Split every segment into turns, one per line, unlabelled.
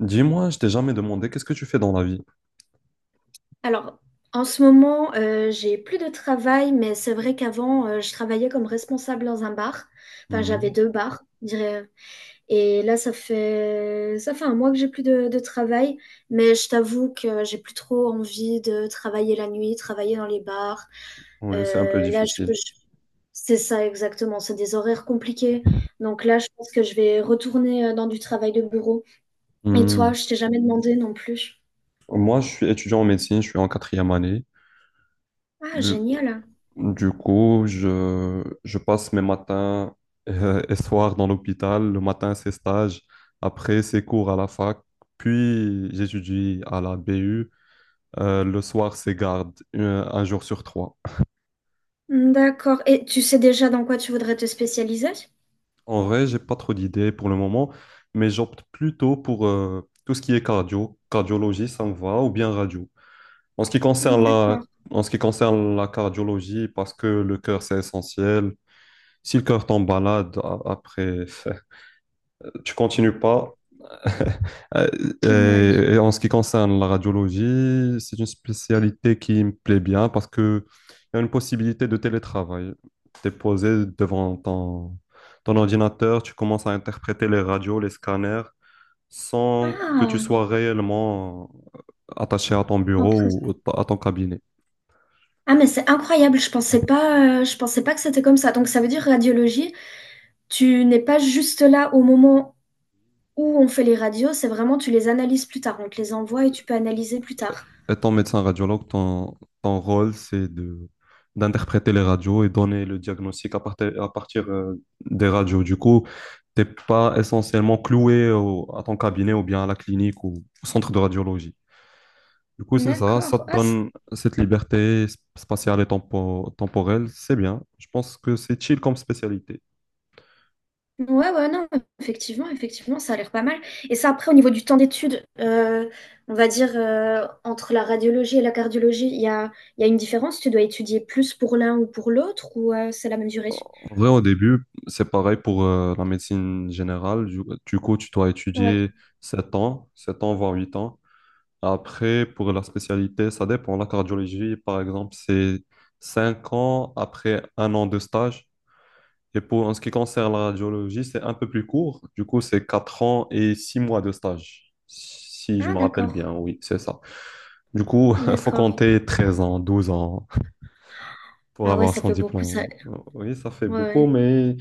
Dis-moi, je t'ai jamais demandé qu'est-ce que tu fais dans la vie?
Alors, en ce moment, j'ai plus de travail, mais c'est vrai qu'avant, je travaillais comme responsable dans un bar. Enfin, j'avais
Mhm.
deux bars, je dirais. Et là, ça fait un mois que j'ai plus de travail, mais je t'avoue que j'ai plus trop envie de travailler la nuit, travailler dans les bars.
Oui, c'est un peu
Là,
difficile.
c'est ça exactement. C'est des horaires compliqués. Donc là, je pense que je vais retourner dans du travail de bureau. Et toi,
Mhm.
je t'ai jamais demandé non plus.
Moi, je suis étudiant en médecine, je suis en quatrième année.
Ah,
Du,
génial.
du coup, je passe mes matins et soirs dans l'hôpital. Le matin, c'est stage. Après, c'est cours à la fac. Puis, j'étudie à la BU. Le soir, c'est garde, un jour sur trois.
D'accord. Et tu sais déjà dans quoi tu voudrais te spécialiser?
En vrai, j'ai pas trop d'idées pour le moment, mais j'opte plutôt pour tout ce qui est cardio. Cardiologie, ça me va, ou bien radio. En ce qui concerne la,
D'accord.
En ce qui concerne la cardiologie, parce que le cœur, c'est essentiel. Si le cœur tombe malade, après, tu continues pas. Euh,
Ouais.
et en ce qui concerne la radiologie, c'est une spécialité qui me plaît bien parce que il y a une possibilité de télétravail. Tu es posé devant ton ordinateur, tu commences à interpréter les radios, les scanners, sans que tu
Ah,
sois réellement attaché à ton
en
bureau
pres-
ou à ton cabinet.
Ah, mais c'est incroyable. Je pensais pas que c'était comme ça. Donc ça veut dire radiologie. Tu n'es pas juste là au moment où on fait les radios. C'est vraiment tu les analyses plus tard. On te les envoie et tu peux analyser plus tard.
Étant médecin radiologue, ton rôle, c'est de d'interpréter les radios et donner le diagnostic à partir des radios. Du coup, t'es pas essentiellement cloué à ton cabinet ou bien à la clinique ou au centre de radiologie. Du coup, c'est ça, ça
D'accord.
te donne cette liberté spatiale et temporelle, c'est bien. Je pense que c'est chill comme spécialité.
Ouais, ouais, non, effectivement, effectivement, ça a l'air pas mal. Et ça, après, au niveau du temps d'étude, on va dire, entre la radiologie et la cardiologie, il y a une différence? Tu dois étudier plus pour l'un ou pour l'autre, ou c'est la même durée?
En vrai, au début, c'est pareil pour la médecine générale. Du coup, tu dois
Ouais.
étudier 7 ans, voire 8 ans. Après, pour la spécialité, ça dépend. La cardiologie, par exemple, c'est 5 ans après 1 an de stage. Et pour en ce qui concerne la radiologie, c'est un peu plus court. Du coup, c'est 4 ans et 6 mois de stage, si je
Ah,
me rappelle bien.
d'accord,
Oui, c'est ça. Du coup, il faut
d'accord.
compter 13 ans, 12 ans pour
Ah ouais,
avoir
ça
son
fait beaucoup, ça.
diplôme. Oui, ça fait
Ouais,
beaucoup,
ouais.
mais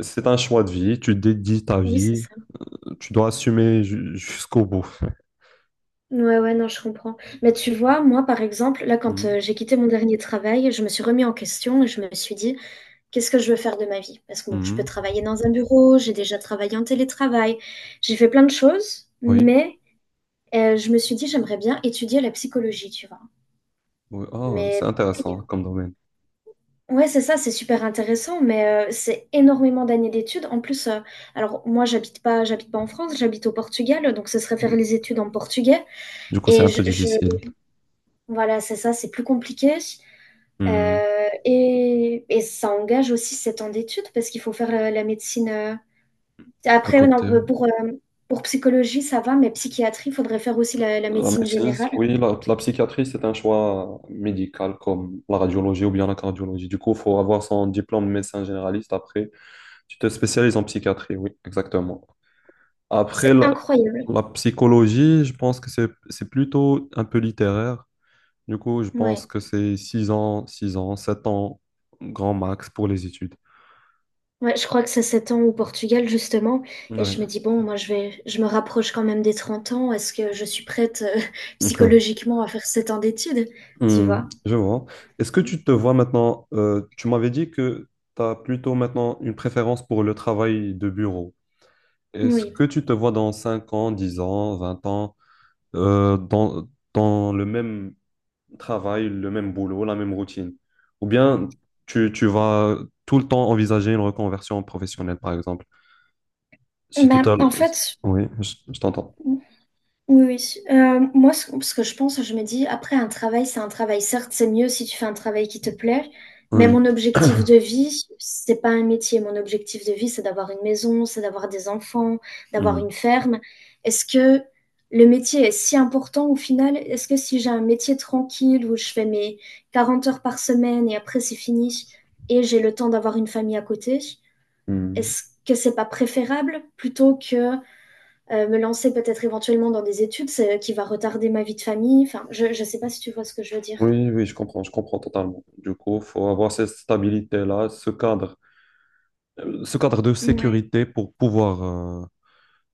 c'est un choix de vie. Tu dédies ta
Oui, c'est
vie.
ça.
Tu dois assumer jusqu'au bout.
Ouais, ouais, non, je comprends. Mais tu vois, moi, par exemple, là, quand
Mhm.
j'ai quitté mon dernier travail, je me suis remis en question et je me suis dit: qu'est-ce que je veux faire de ma vie? Parce que bon, je peux
Mhm.
travailler dans un bureau, j'ai déjà travaillé en télétravail, j'ai fait plein de choses,
Oui.
mais je me suis dit: «J'aimerais bien étudier la psychologie», tu vois?
Oui. Ah,
Mais
c'est
pareil,
intéressant comme domaine.
ouais, c'est ça, c'est super intéressant, mais c'est énormément d'années d'études. En plus, alors moi, j'habite pas en France, j'habite au Portugal, donc ce serait faire
Mm.
les études en portugais,
Du coup, c'est
et
un peu
je
difficile.
voilà, c'est ça, c'est plus compliqué,
Hmm.
et ça engage aussi 7 ans d'études parce qu'il faut faire, la médecine,
À
après, ouais, non,
côté.
pour psychologie, ça va, mais psychiatrie, il faudrait faire aussi la
La
médecine
médecine,
générale.
oui, la psychiatrie, c'est un choix médical comme la radiologie ou bien la cardiologie. Du coup, il faut avoir son diplôme de médecin généraliste. Après, tu te spécialises en psychiatrie, oui, exactement. Après,
C'est
la,
incroyable.
la psychologie, je pense que c'est plutôt un peu littéraire. Du coup, je pense
Ouais.
que c'est 6 ans, 7 ans, grand max pour les études.
Ouais, je crois que c'est 7 ans au Portugal, justement. Et
Oui.
je me dis, bon, moi, je me rapproche quand même des 30 ans. Est-ce que je suis prête, psychologiquement à faire 7 ans d'études? Tu
Hmm,
vois?
je vois. Est-ce que tu te vois maintenant, tu m'avais dit que tu as plutôt maintenant une préférence pour le travail de bureau. Est-ce
Oui.
que tu te vois dans 5 ans, 10 ans, 20 ans, euh, dans, dans le même travail, le même boulot, la même routine? Ou bien tu vas tout le temps envisager une reconversion professionnelle, par exemple? Si
Bah,
total...
en fait,
Oui, je t'entends.
oui, oui. Moi, ce que je pense, je me dis, après, un travail, c'est un travail. Certes, c'est mieux si tu fais un travail qui te plaît, mais
Oui.
mon objectif de vie, c'est pas un métier. Mon objectif de vie, c'est d'avoir une maison, c'est d'avoir des enfants, d'avoir
Hmm,
une ferme. Est-ce que le métier est si important au final? Est-ce que si j'ai un métier tranquille où je fais mes 40 heures par semaine et après c'est fini et j'ai le temps d'avoir une famille à côté,
hmm.
est-ce que c'est pas préférable plutôt que me lancer peut-être éventuellement dans des études qui va retarder ma vie de famille. Enfin, je ne sais pas si tu vois ce que je veux dire.
Oui, oui, je comprends totalement. Du coup, faut avoir cette stabilité-là, ce cadre de
Ouais.
sécurité pour pouvoir euh,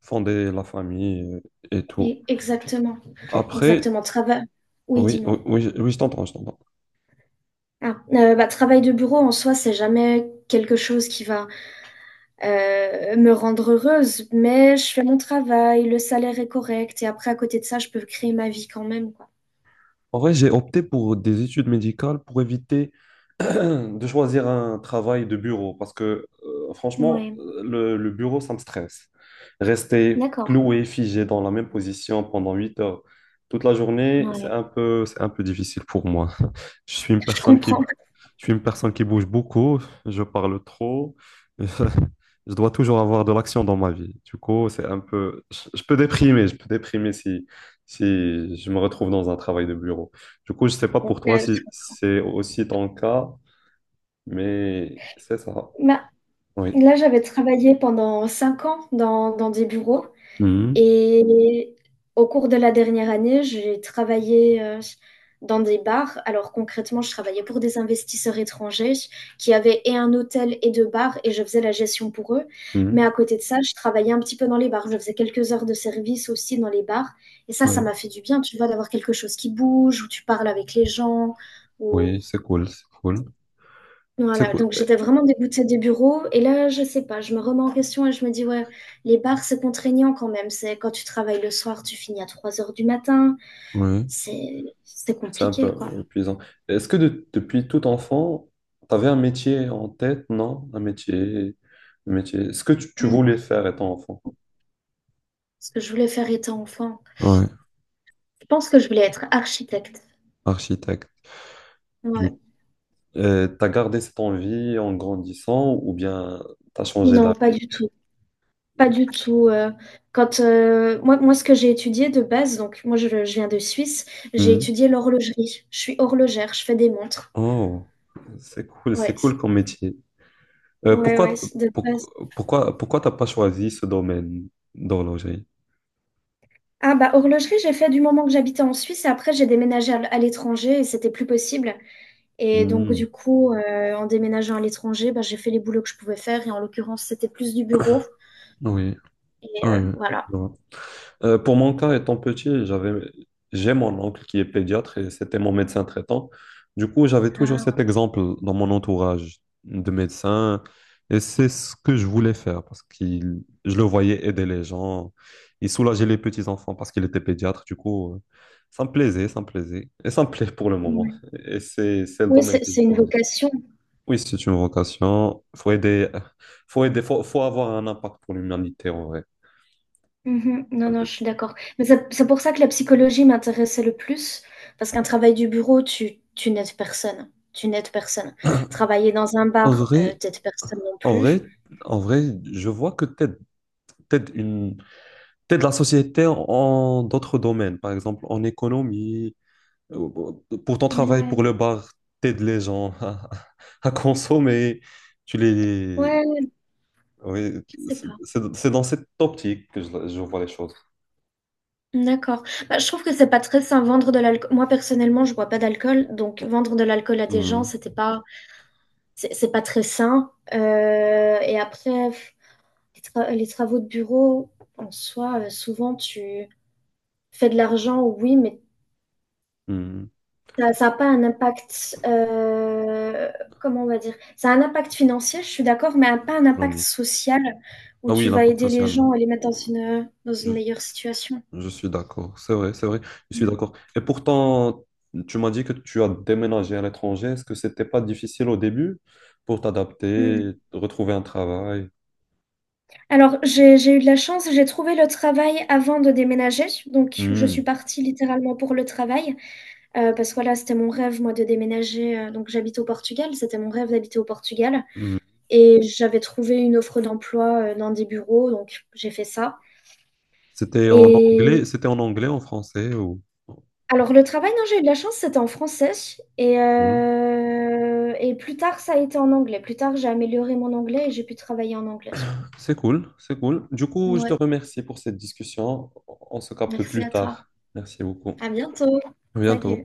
fonder la famille et tout.
Exactement,
Après,
exactement. Travail. Oui,
oui, oui,
dis-moi.
oui, je oui, je t'entends.
Ah, bah, travail de bureau en soi, c'est jamais quelque chose qui va me rendre heureuse, mais je fais mon travail, le salaire est correct, et après, à côté de ça, je peux créer ma vie quand même, quoi.
En vrai, j'ai opté pour des études médicales pour éviter de choisir un travail de bureau parce que franchement,
Ouais.
le bureau, ça me stresse. Rester
D'accord.
cloué, figé dans la même position pendant 8 heures toute la journée,
Ouais.
c'est un peu difficile pour moi. Je suis une
Je
personne qui
comprends.
Je suis une personne qui bouge beaucoup, je parle trop, je dois toujours avoir de l'action dans ma vie. Du coup, je peux déprimer, je peux déprimer si je me retrouve dans un travail de bureau. Du coup, je sais pas
Bon,
pour toi si c'est aussi ton cas, mais c'est ça.
bah,
Oui.
là, j'avais travaillé pendant 5 ans dans des bureaux.
Mhm.
Et au cours de la dernière année, j'ai travaillé dans des bars. Alors concrètement, je travaillais pour des investisseurs étrangers qui avaient et un hôtel et deux bars, et je faisais la gestion pour eux. Mais à
Mhm.
côté de ça, je travaillais un petit peu dans les bars. Je faisais quelques heures de service aussi dans les bars. Et ça
Oui.
m'a fait du bien, tu vois, d'avoir quelque chose qui bouge, où tu parles avec les gens, où
Oui, c'est cool, c'est cool. C'est
voilà,
cool.
donc
Eh,
j'étais vraiment dégoûtée des bureaux. Et là, je sais pas, je me remets en question et je me dis, ouais, les bars, c'est contraignant quand même. C'est quand tu travailles le soir, tu finis à 3 heures du matin.
oui.
C'est
C'est un peu
compliqué, quoi.
ouais, épuisant. Est-ce que depuis tout enfant, tu avais un métier en tête, non? Un métier, un métier. Ce que tu
Mm.
voulais faire étant enfant?
Ce que je voulais faire étant enfant.
Ouais,
Je pense que je voulais être architecte.
architecte. Tu
Ouais.
as gardé cette envie en grandissant ou bien t'as changé
Non, pas
d'avis?
du tout. Pas du tout. Quand Moi, moi, ce que j'ai étudié de base, donc moi, je viens de Suisse, j'ai
Mhm.
étudié l'horlogerie. Je suis horlogère, je fais des montres.
Oh, c'est
Ouais,
cool comme métier. Euh,
ouais, ouais,
pourquoi,
de
pour-
base.
pourquoi t'as pas choisi ce domaine d'horlogerie?
Ah bah horlogerie, j'ai fait du moment que j'habitais en Suisse et après j'ai déménagé à l'étranger et c'était plus possible. Et donc
Mhm.
du coup, en déménageant à l'étranger, bah, j'ai fait les boulots que je pouvais faire et en l'occurrence c'était plus du bureau.
Oui,
Et
oui.
voilà.
Oui. Pour mon cas, étant petit, j'ai mon oncle qui est pédiatre et c'était mon médecin traitant. Du coup, j'avais toujours
Ah,
cet exemple dans mon entourage de médecin et c'est ce que je voulais faire parce qu'il, je le voyais aider les gens. Il soulageait les petits-enfants parce qu'il était pédiatre. Du coup, ça me plaisait et ça me plaît pour le moment.
oui,
Et c'est le
oui,
domaine
c'est
que j'ai
c'est une
choisi.
vocation.
Oui, c'est une vocation. Faut aider, faut aider, faut avoir un impact pour l'humanité en vrai.
Mhm. Non,
Un
non,
peu.
je suis d'accord. Mais c'est pour ça que la psychologie m'intéressait le plus, parce qu'un travail du bureau, tu n'aides personne. Tu n'aides personne. Travailler dans un
En
bar,
vrai,
t'aides personne non
en
plus.
vrai, en vrai, je vois que t'aides une, t'aides la société en d'autres domaines, par exemple en économie, euh, pour ton travail, pour
Ouais,
le bar, t'aides les gens à consommer, tu les...
ouais,
Oui,
je sais
c'est
pas.
c'est- c'est dans cette optique que je vois les choses.
D'accord. Bah, je trouve que c'est pas très sain vendre de l'alcool. Moi personnellement je bois pas d'alcool, donc vendre de l'alcool à des gens,
Hmm,
c'est pas très sain, et après f les tra les travaux de bureau en soi, souvent tu fais de l'argent, oui, mais
hmm,
ça ça a pas un impact, comment on va dire? Ça a un impact financier, je suis d'accord, mais un pas un impact
économique.
social où
Ah oui,
tu vas
l'impact
aider les
social, non.
gens et les mettre dans une meilleure situation.
Je suis d'accord, c'est vrai, je suis
Mmh.
d'accord. Et pourtant, tu m'as dit que tu as déménagé à l'étranger. Est-ce que c'était pas difficile au début pour
Mmh.
t'adapter, retrouver un travail?
Alors, j'ai eu de la chance, j'ai trouvé le travail avant de déménager. Donc, je suis
Hmm,
partie littéralement pour le travail. Parce que voilà, c'était mon rêve, moi, de déménager. Donc, j'habite au Portugal, c'était mon rêve d'habiter au Portugal.
hmm.
Et j'avais trouvé une offre d'emploi dans des bureaux, donc j'ai fait ça. Et
C'était en anglais, en français ou...
alors, le travail, non, j'ai eu de la chance, c'était en français. Et,
Cool.
euh, et plus tard, ça a été en anglais. Plus tard, j'ai amélioré mon anglais et j'ai pu travailler en anglais.
C'est cool, c'est cool. Du coup, je te
Ouais,
remercie pour cette discussion. On se capte
merci
plus
à toi.
tard. Merci beaucoup.
À bientôt.
À bientôt.
Salut.